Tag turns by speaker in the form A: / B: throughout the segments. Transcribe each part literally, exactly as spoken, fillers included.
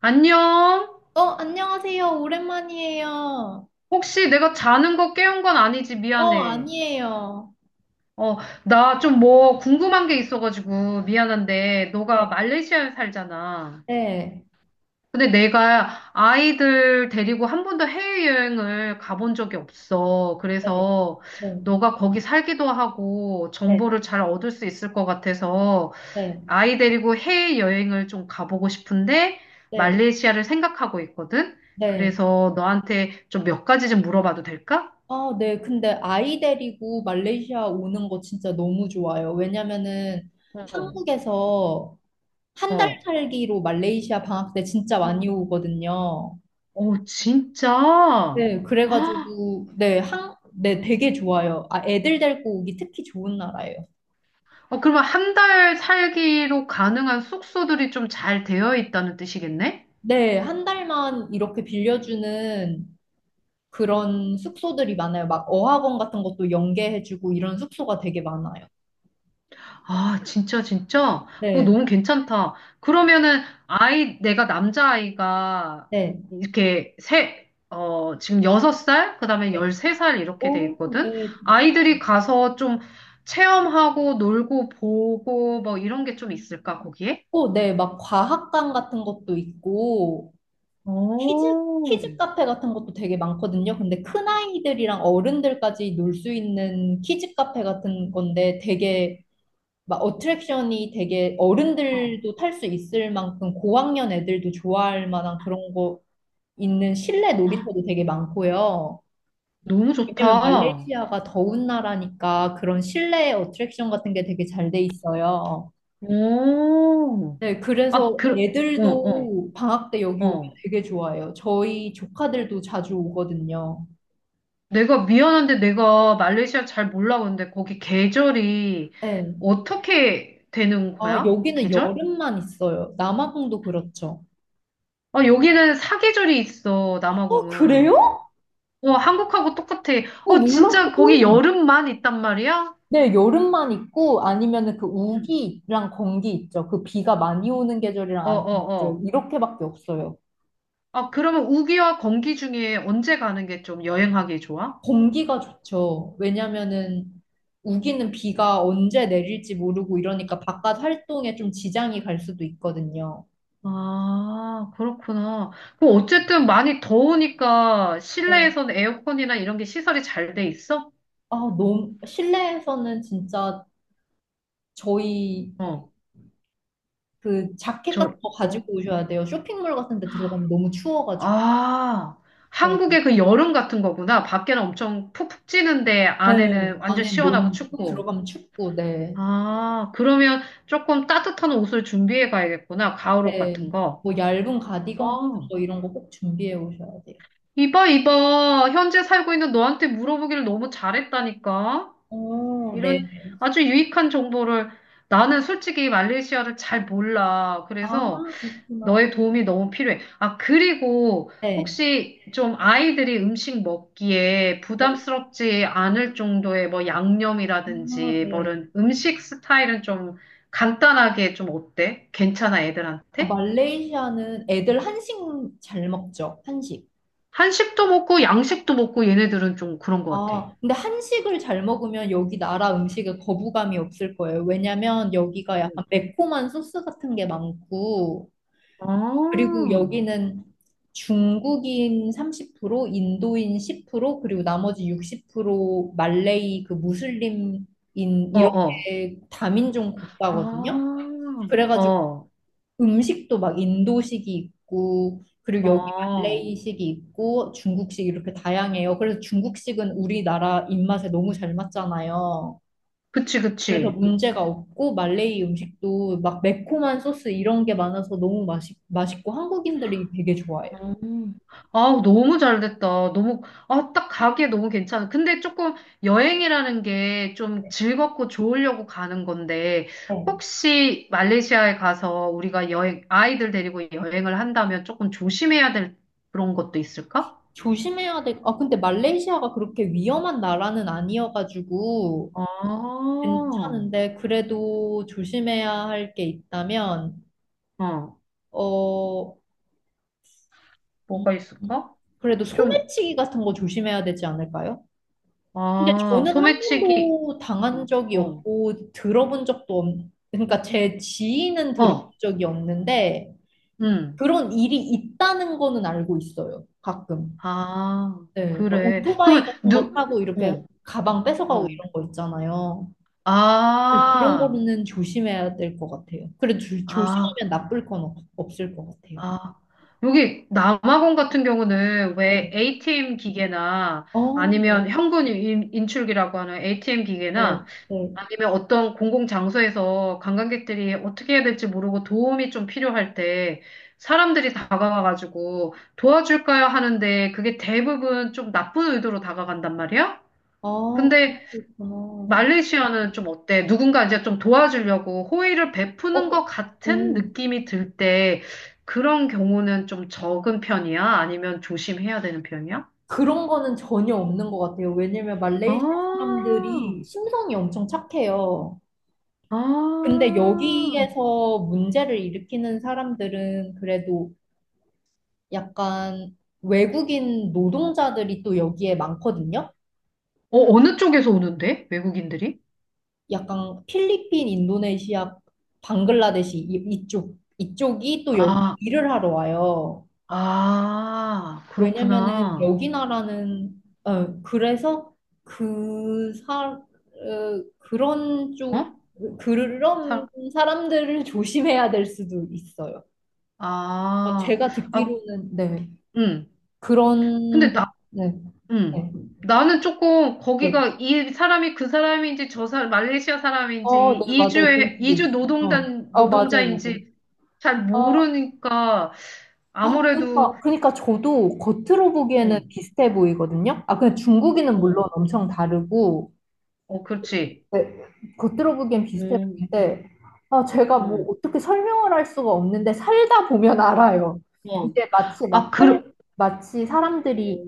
A: 안녕?
B: 어, 안녕하세요. 오랜만이에요.
A: 혹시 내가 자는 거 깨운 건 아니지?
B: 어,
A: 미안해.
B: 아니에요.
A: 어, 나 좀 뭐 궁금한 게 있어가지고 미안한데, 너가
B: 네,
A: 말레이시아에 살잖아.
B: 네,
A: 근데 내가 아이들 데리고 한 번도 해외여행을 가본 적이 없어.
B: 네,
A: 그래서
B: 네,
A: 너가 거기 살기도 하고
B: 네,
A: 정보를 잘 얻을 수 있을 것 같아서
B: 네,
A: 아이 데리고 해외여행을 좀 가보고 싶은데
B: 네,
A: 말레이시아를 생각하고 있거든?
B: 네.
A: 그래서 너한테 좀 몇 가지 좀 물어봐도 될까?
B: 아, 네. 근데 아이 데리고 말레이시아 오는 거 진짜 너무 좋아요. 왜냐면은
A: 어,
B: 한국에서 한 달
A: 어,
B: 살기로 말레이시아 방학 때 진짜 많이 오거든요.
A: 어, 진짜?
B: 네, 그래가지고, 네, 한, 네, 되게 좋아요. 아, 애들 데리고 오기 특히 좋은 나라예요.
A: 어, 그러면 한 달 살기로 가능한 숙소들이 좀 잘 되어 있다는 뜻이겠네?
B: 네, 한 달만 이렇게 빌려주는 그런 숙소들이 많아요. 막 어학원 같은 것도 연계해주고 이런 숙소가 되게 많아요.
A: 아, 진짜, 진짜? 그거
B: 네,
A: 너무 괜찮다. 그러면은, 아이, 내가 남자아이가
B: 네,
A: 이렇게 세, 어, 지금 여섯 살, 그다음에
B: 네.
A: 열세 살 이렇게 돼
B: 오,
A: 있거든?
B: 네.
A: 아이들이
B: 네.
A: 가서 좀 체험하고 놀고 보고 뭐 이런 게 좀 있을까, 거기에?
B: 오, 네. 막 과학관 같은 것도 있고, 키즈,
A: 오,
B: 키즈 카페 같은 것도 되게 많거든요. 근데 큰아이들이랑 어른들까지 놀 수 있는 키즈 카페 같은 건데 되게 막 어트랙션이 되게
A: 어,
B: 어른들도 탈 수 있을 만큼 고학년 애들도 좋아할 만한 그런 거 있는 실내 놀이터도 되게 많고요.
A: 너무
B: 왜냐면
A: 좋다.
B: 말레이시아가 더운 나라니까 그런 실내 어트랙션 같은 게 되게 잘 돼 있어요.
A: 오,
B: 네,
A: 아,
B: 그래서
A: 그, 어, 어,
B: 애들도 방학 때 여기 오면
A: 어.
B: 되게 좋아해요. 저희 조카들도 자주 오거든요.
A: 내가 미안한데 내가 말레이시아 잘 몰라. 근데 거기 계절이
B: 네.
A: 어떻게 되는
B: 아,
A: 거야?
B: 여기는
A: 계절?
B: 여름만 있어요. 남아공도 그렇죠.
A: 아, 여기는 사계절이 있어,
B: 어,
A: 남아공은.
B: 그래요?
A: 어, 한국하고 똑같아.
B: 어,
A: 어,
B: 몰랐어.
A: 진짜 거기 여름만 있단 말이야?
B: 네, 여름만 있고 아니면은 그
A: 응.
B: 우기랑 건기 있죠. 그 비가 많이 오는 계절이랑
A: 어,
B: 안 오는
A: 어,
B: 계절
A: 어.
B: 이렇게밖에 없어요.
A: 아, 그러면 우기와 건기 중에 언제 가는 게 좀 여행하기 좋아?
B: 공기가 좋죠. 왜냐면은 우기는 비가 언제 내릴지 모르고 이러니까 바깥 활동에 좀 지장이 갈 수도 있거든요.
A: 아, 그렇구나. 그 어쨌든 많이 더우니까
B: 어,
A: 실내에서는 에어컨이나 이런 게 시설이 잘 돼 있어?
B: 아, 너무 실내에서는 진짜 저희
A: 어,
B: 그 자켓 같은
A: 저,
B: 거
A: 어?
B: 가지고 오셔야 돼요. 쇼핑몰 같은 데 들어가면 너무 추워가지고.
A: 아,
B: 네.
A: 한국의 그 여름 같은 거구나. 밖에는 엄청 푹푹 찌는데
B: 네.
A: 안에는 완전
B: 안에
A: 시원하고
B: 너무 또
A: 춥고.
B: 들어가면 춥고, 네.
A: 아, 그러면 조금 따뜻한 옷을 준비해 가야겠구나. 가을옷
B: 네.
A: 같은 거.
B: 뭐 얇은
A: 아,
B: 가디건 같은 거 이런 거 꼭 준비해 오셔야 돼요.
A: 이봐, 이봐. 현재 살고 있는 너한테 물어보기를 너무 잘했다니까.
B: 오, 네.
A: 이런 아주 유익한 정보를. 나는 솔직히 말레이시아를 잘 몰라. 그래서
B: 아, 그렇구나.
A: 너의 도움이 너무 필요해. 아, 그리고
B: 네.
A: 혹시 좀 아이들이 음식 먹기에
B: 네.
A: 부담스럽지 않을 정도의 뭐
B: 아,
A: 양념이라든지 뭐
B: 네.
A: 이런 음식 스타일은 좀 간단하게 좀 어때? 괜찮아,
B: 아,
A: 애들한테?
B: 말레이시아는 애들 한식 잘 먹죠? 한식.
A: 한식도 먹고 양식도 먹고 얘네들은 좀 그런 것 같아.
B: 아, 근데 한식을 잘 먹으면 여기 나라 음식에 거부감이 없을 거예요. 왜냐면 여기가 약간 매콤한 소스 같은 게 많고,
A: 어,
B: 그리고 여기는 중국인 삼십 퍼센트, 인도인 십 퍼센트, 그리고 나머지 육십 퍼센트 말레이 그 무슬림인
A: 어, 어.
B: 이렇게 다민족 국가거든요.
A: 아,
B: 그래가지고
A: 어,
B: 음식도 막 인도식이 있고, 그리고 음. 여기
A: 어.
B: 말레이식이 있고, 중국식 이렇게 다양해요. 그래서 중국식은 우리나라 입맛에 너무 잘 맞잖아요.
A: 그치,
B: 그래서
A: 그치.
B: 문제가 없고, 말레이 음식도 막 매콤한 소스 이런 게 많아서 너무 맛있, 맛있고, 한국인들이 되게 좋아해요.
A: 음. 아, 너무 잘 됐다. 너무, 아, 딱 가기에 너무 괜찮아. 근데 조금 여행이라는 게 좀 즐겁고 좋으려고 가는 건데,
B: 어.
A: 혹시 말레이시아에 가서 우리가 여행, 아이들 데리고 여행을 한다면 조금 조심해야 될 그런 것도 있을까?
B: 조심해야 돼. 아, 근데 말레이시아가 그렇게 위험한 나라는 아니어가지고,
A: 아, 어,
B: 괜찮은데, 그래도 조심해야 할 게 있다면. 어,
A: 뭐가
B: 음.
A: 있을까?
B: 그래도
A: 좀,
B: 소매치기 같은 거 조심해야 되지 않을까요? 근데
A: 아,
B: 저는 한
A: 소매치기,
B: 번도 당한
A: 어,
B: 적이
A: 어,
B: 없고 들어본 적도 없, 그러니까 제 지인은 들어본
A: 어,
B: 적이 없는데
A: 음,
B: 그런 일이 있다는 거는 알고 있어요. 가끔.
A: 아,
B: 네, 막
A: 그래.
B: 오토바이
A: 그러면,
B: 같은 거
A: 누,
B: 타고 이렇게
A: 어.
B: 가방 뺏어가고
A: 어.
B: 이런 거 있잖아요. 네, 그런
A: 아,
B: 거는 조심해야 될 것 같아요. 그래도 조-
A: 아,
B: 조심하면 나쁠 건 없, 없을 것 같아요.
A: 아. 여기 남아공 같은 경우는 왜
B: 네.
A: 에이티엠 기계나
B: 어,
A: 아니면 현금 인- 인출기라고 하는 에이티엠
B: 네,
A: 기계나
B: 네.
A: 아니면 어떤 공공 장소에서 관광객들이 어떻게 해야 될지 모르고 도움이 좀 필요할 때 사람들이 다가와가지고 도와줄까요 하는데 그게 대부분 좀 나쁜 의도로 다가간단 말이야?
B: 아,
A: 근데
B: 그렇구나.
A: 말레이시아는 좀 어때? 누군가 이제 좀 도와주려고 호의를 베푸는
B: 어,
A: 것 같은
B: 음
A: 느낌이 들 때 그런 경우는 좀 적은 편이야? 아니면 조심해야 되는 편이야?
B: 그런 거는 전혀 없는 것 같아요. 왜냐면 말레이시아
A: 아,
B: 사람들이 심성이 엄청 착해요.
A: 아.
B: 근데 여기에서 문제를 일으키는 사람들은 그래도 약간 외국인 노동자들이 또 여기에 많거든요.
A: 어, 어느 쪽에서 오는데? 외국인들이?
B: 약간 필리핀, 인도네시아, 방글라데시 이- 이쪽, 이쪽이 또 여기
A: 아,
B: 일을 하러 와요.
A: 아,
B: 왜냐면은
A: 그렇구나.
B: 여기 나라는 어 그래서 그 사, 어, 그런
A: 어?
B: 쪽 그런
A: 사,
B: 사람들을 조심해야 될 수도 있어요. 어,
A: 아,
B: 제가
A: 아,
B: 듣기로는, 네.
A: 음. 근데
B: 그런 네,
A: 음.
B: 네,
A: 나는 조금
B: 네.
A: 거기가 이 사람이 그 사람인지 저 사람, 말레이시아
B: 어,
A: 사람인지
B: 네, 맞아요. 그런
A: 이주에
B: 수도
A: 이주
B: 있어요. 어,
A: 노동단
B: 어 맞아요, 맞아요.
A: 노동자인지 잘
B: 어,
A: 모르니까
B: 아,
A: 아무래도.
B: 그러니까, 그러니까 저도 겉으로 보기에는
A: 음,
B: 비슷해 보이거든요. 아, 근데 중국인은 물론
A: 음.
B: 엄청 다르고.
A: 어, 그렇지.
B: 네, 겉으로 보기엔 비슷해
A: 음,
B: 보이는데, 아, 제가 뭐
A: 음.
B: 어떻게 설명을 할 수가 없는데, 살다 보면 알아요.
A: 어.
B: 이제 마치
A: 아,
B: 막 살,
A: 그,
B: 마치 사람들이,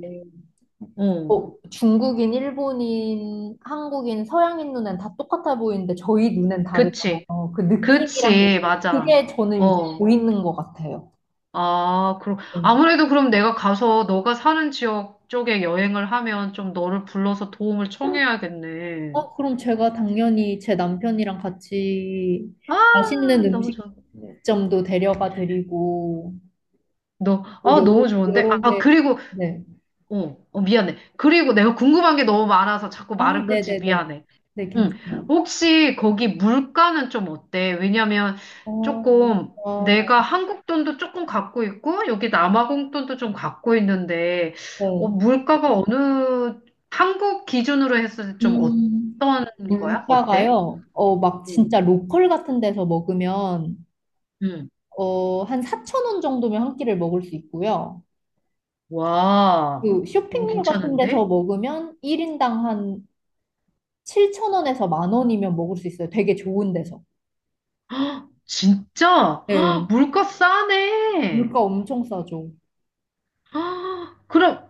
A: 어,
B: 어, 중국인, 일본인, 한국인, 서양인 눈엔 다 똑같아 보이는데, 저희 눈엔
A: 그치.
B: 다르잖아요. 그 느낌이란 게,
A: 그치, 맞아.
B: 그게 저는 이제
A: 어.
B: 보이는 것 같아요.
A: 아, 그럼
B: 네.
A: 아무래도 그럼 내가 가서 너가 사는 지역 쪽에 여행을 하면 좀 너를 불러서 도움을 청해야겠네.
B: 어, 그럼 제가 당연히 제 남편이랑 같이
A: 아,
B: 맛있는
A: 너무 좋아.
B: 음식점도 데려가 드리고,
A: 너,
B: 뭐
A: 아,
B: 여러,
A: 너무 좋은데?
B: 여러
A: 아,
B: 개,
A: 그리고,
B: 네.
A: 어, 어, 미안해. 그리고 내가 궁금한 게 너무 많아서 자꾸
B: 아,
A: 말을 끊지,
B: 네네네.
A: 미안해.
B: 네,
A: 응.
B: 괜찮아요.
A: 혹시 거기 물가는 좀 어때? 왜냐면
B: 어,
A: 조금
B: 어,
A: 내가 한국 돈도 조금 갖고 있고, 여기 남아공 돈도 좀 갖고 있는데, 어,
B: 네.
A: 물가가 어느, 한국 기준으로 했을 때 좀
B: 음,
A: 어떤 거야? 어때?
B: 물가가요, 어, 막
A: 응.
B: 진짜 로컬 같은 데서 먹으면,
A: 응.
B: 어, 한 사천 원 정도면 한 끼를 먹을 수 있고요.
A: 와,
B: 그
A: 너무
B: 쇼핑몰 같은 데서
A: 괜찮은데?
B: 먹으면 일 인당 한 칠천 원에서 만 원이면 먹을 수 있어요. 되게 좋은 데서.
A: 진짜? 헉,
B: 네.
A: 물가 싸네.
B: 물가 엄청 싸죠.
A: 헉, 그럼,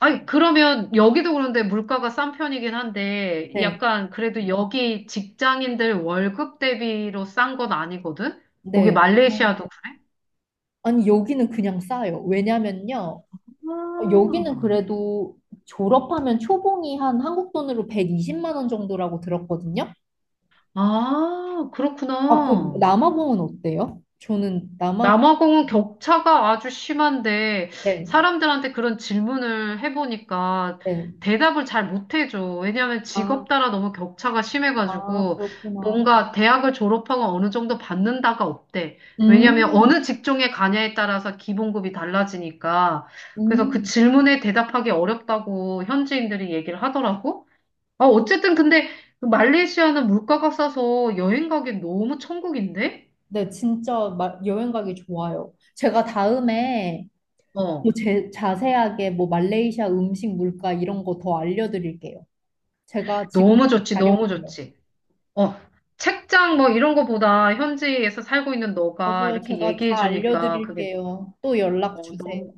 A: 아니, 그러면 여기도 그런데 물가가 싼 편이긴 한데,
B: 네.
A: 약간 그래도 여기 직장인들 월급 대비로 싼 건 아니거든? 거기
B: 네. 어.
A: 말레이시아도 그래?
B: 아니, 여기는 그냥 싸요. 왜냐면요, 어, 여기는
A: 아,
B: 그래도 졸업하면 초봉이 한 한국 돈으로 백이십만 원 정도라고 들었거든요.
A: 아,
B: 아, 그
A: 그렇구나.
B: 남아공은 어때요? 저는 남아공,
A: 남아공은 격차가 아주 심한데
B: 네,
A: 사람들한테 그런 질문을 해보니까
B: 네.
A: 대답을 잘 못해줘. 왜냐하면
B: 아,
A: 직업 따라 너무 격차가
B: 아,
A: 심해가지고
B: 그렇구나.
A: 뭔가 대학을 졸업하고 어느 정도 받는다가 없대. 왜냐하면
B: 음,
A: 어느 직종에 가냐에 따라서 기본급이 달라지니까. 그래서 그
B: 음.
A: 질문에 대답하기 어렵다고 현지인들이 얘기를 하더라고. 아, 어쨌든 근데 그 말레이시아는 물가가 싸서 여행 가기 너무 천국인데?
B: 네, 진짜 마- 여행 가기 좋아요. 제가 다음에 뭐
A: 어.
B: 제, 자세하게 뭐 말레이시아 음식 물가 이런 거 더 알려드릴게요. 제가 지금
A: 너무
B: 이
A: 좋지,
B: 자고
A: 너무
B: 요
A: 좋지. 어, 책장 뭐 이런 거보다 현지에서 살고 있는 너가
B: 맞아요.
A: 이렇게
B: 제가
A: 얘기해
B: 다
A: 주니까 그게.
B: 알려드릴게요. 또 연락
A: 어,
B: 주세요.
A: 너무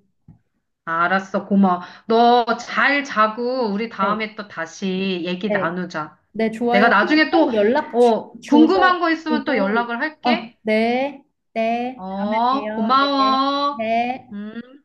A: 알았어, 고마워. 너 잘 자고 우리
B: 네,
A: 다음에 또 다시 얘기
B: 네.
A: 나누자.
B: 네,
A: 내가
B: 좋아요. 꼭,
A: 나중에 또
B: 꼭 연락 주,
A: 어, 궁금한
B: 줘서
A: 거 있으면 또
B: 주고,
A: 연락을
B: 어,
A: 할게.
B: 네, 네, 다음에
A: 어,
B: 봬요. 네,
A: 고마워.
B: 네.
A: 음.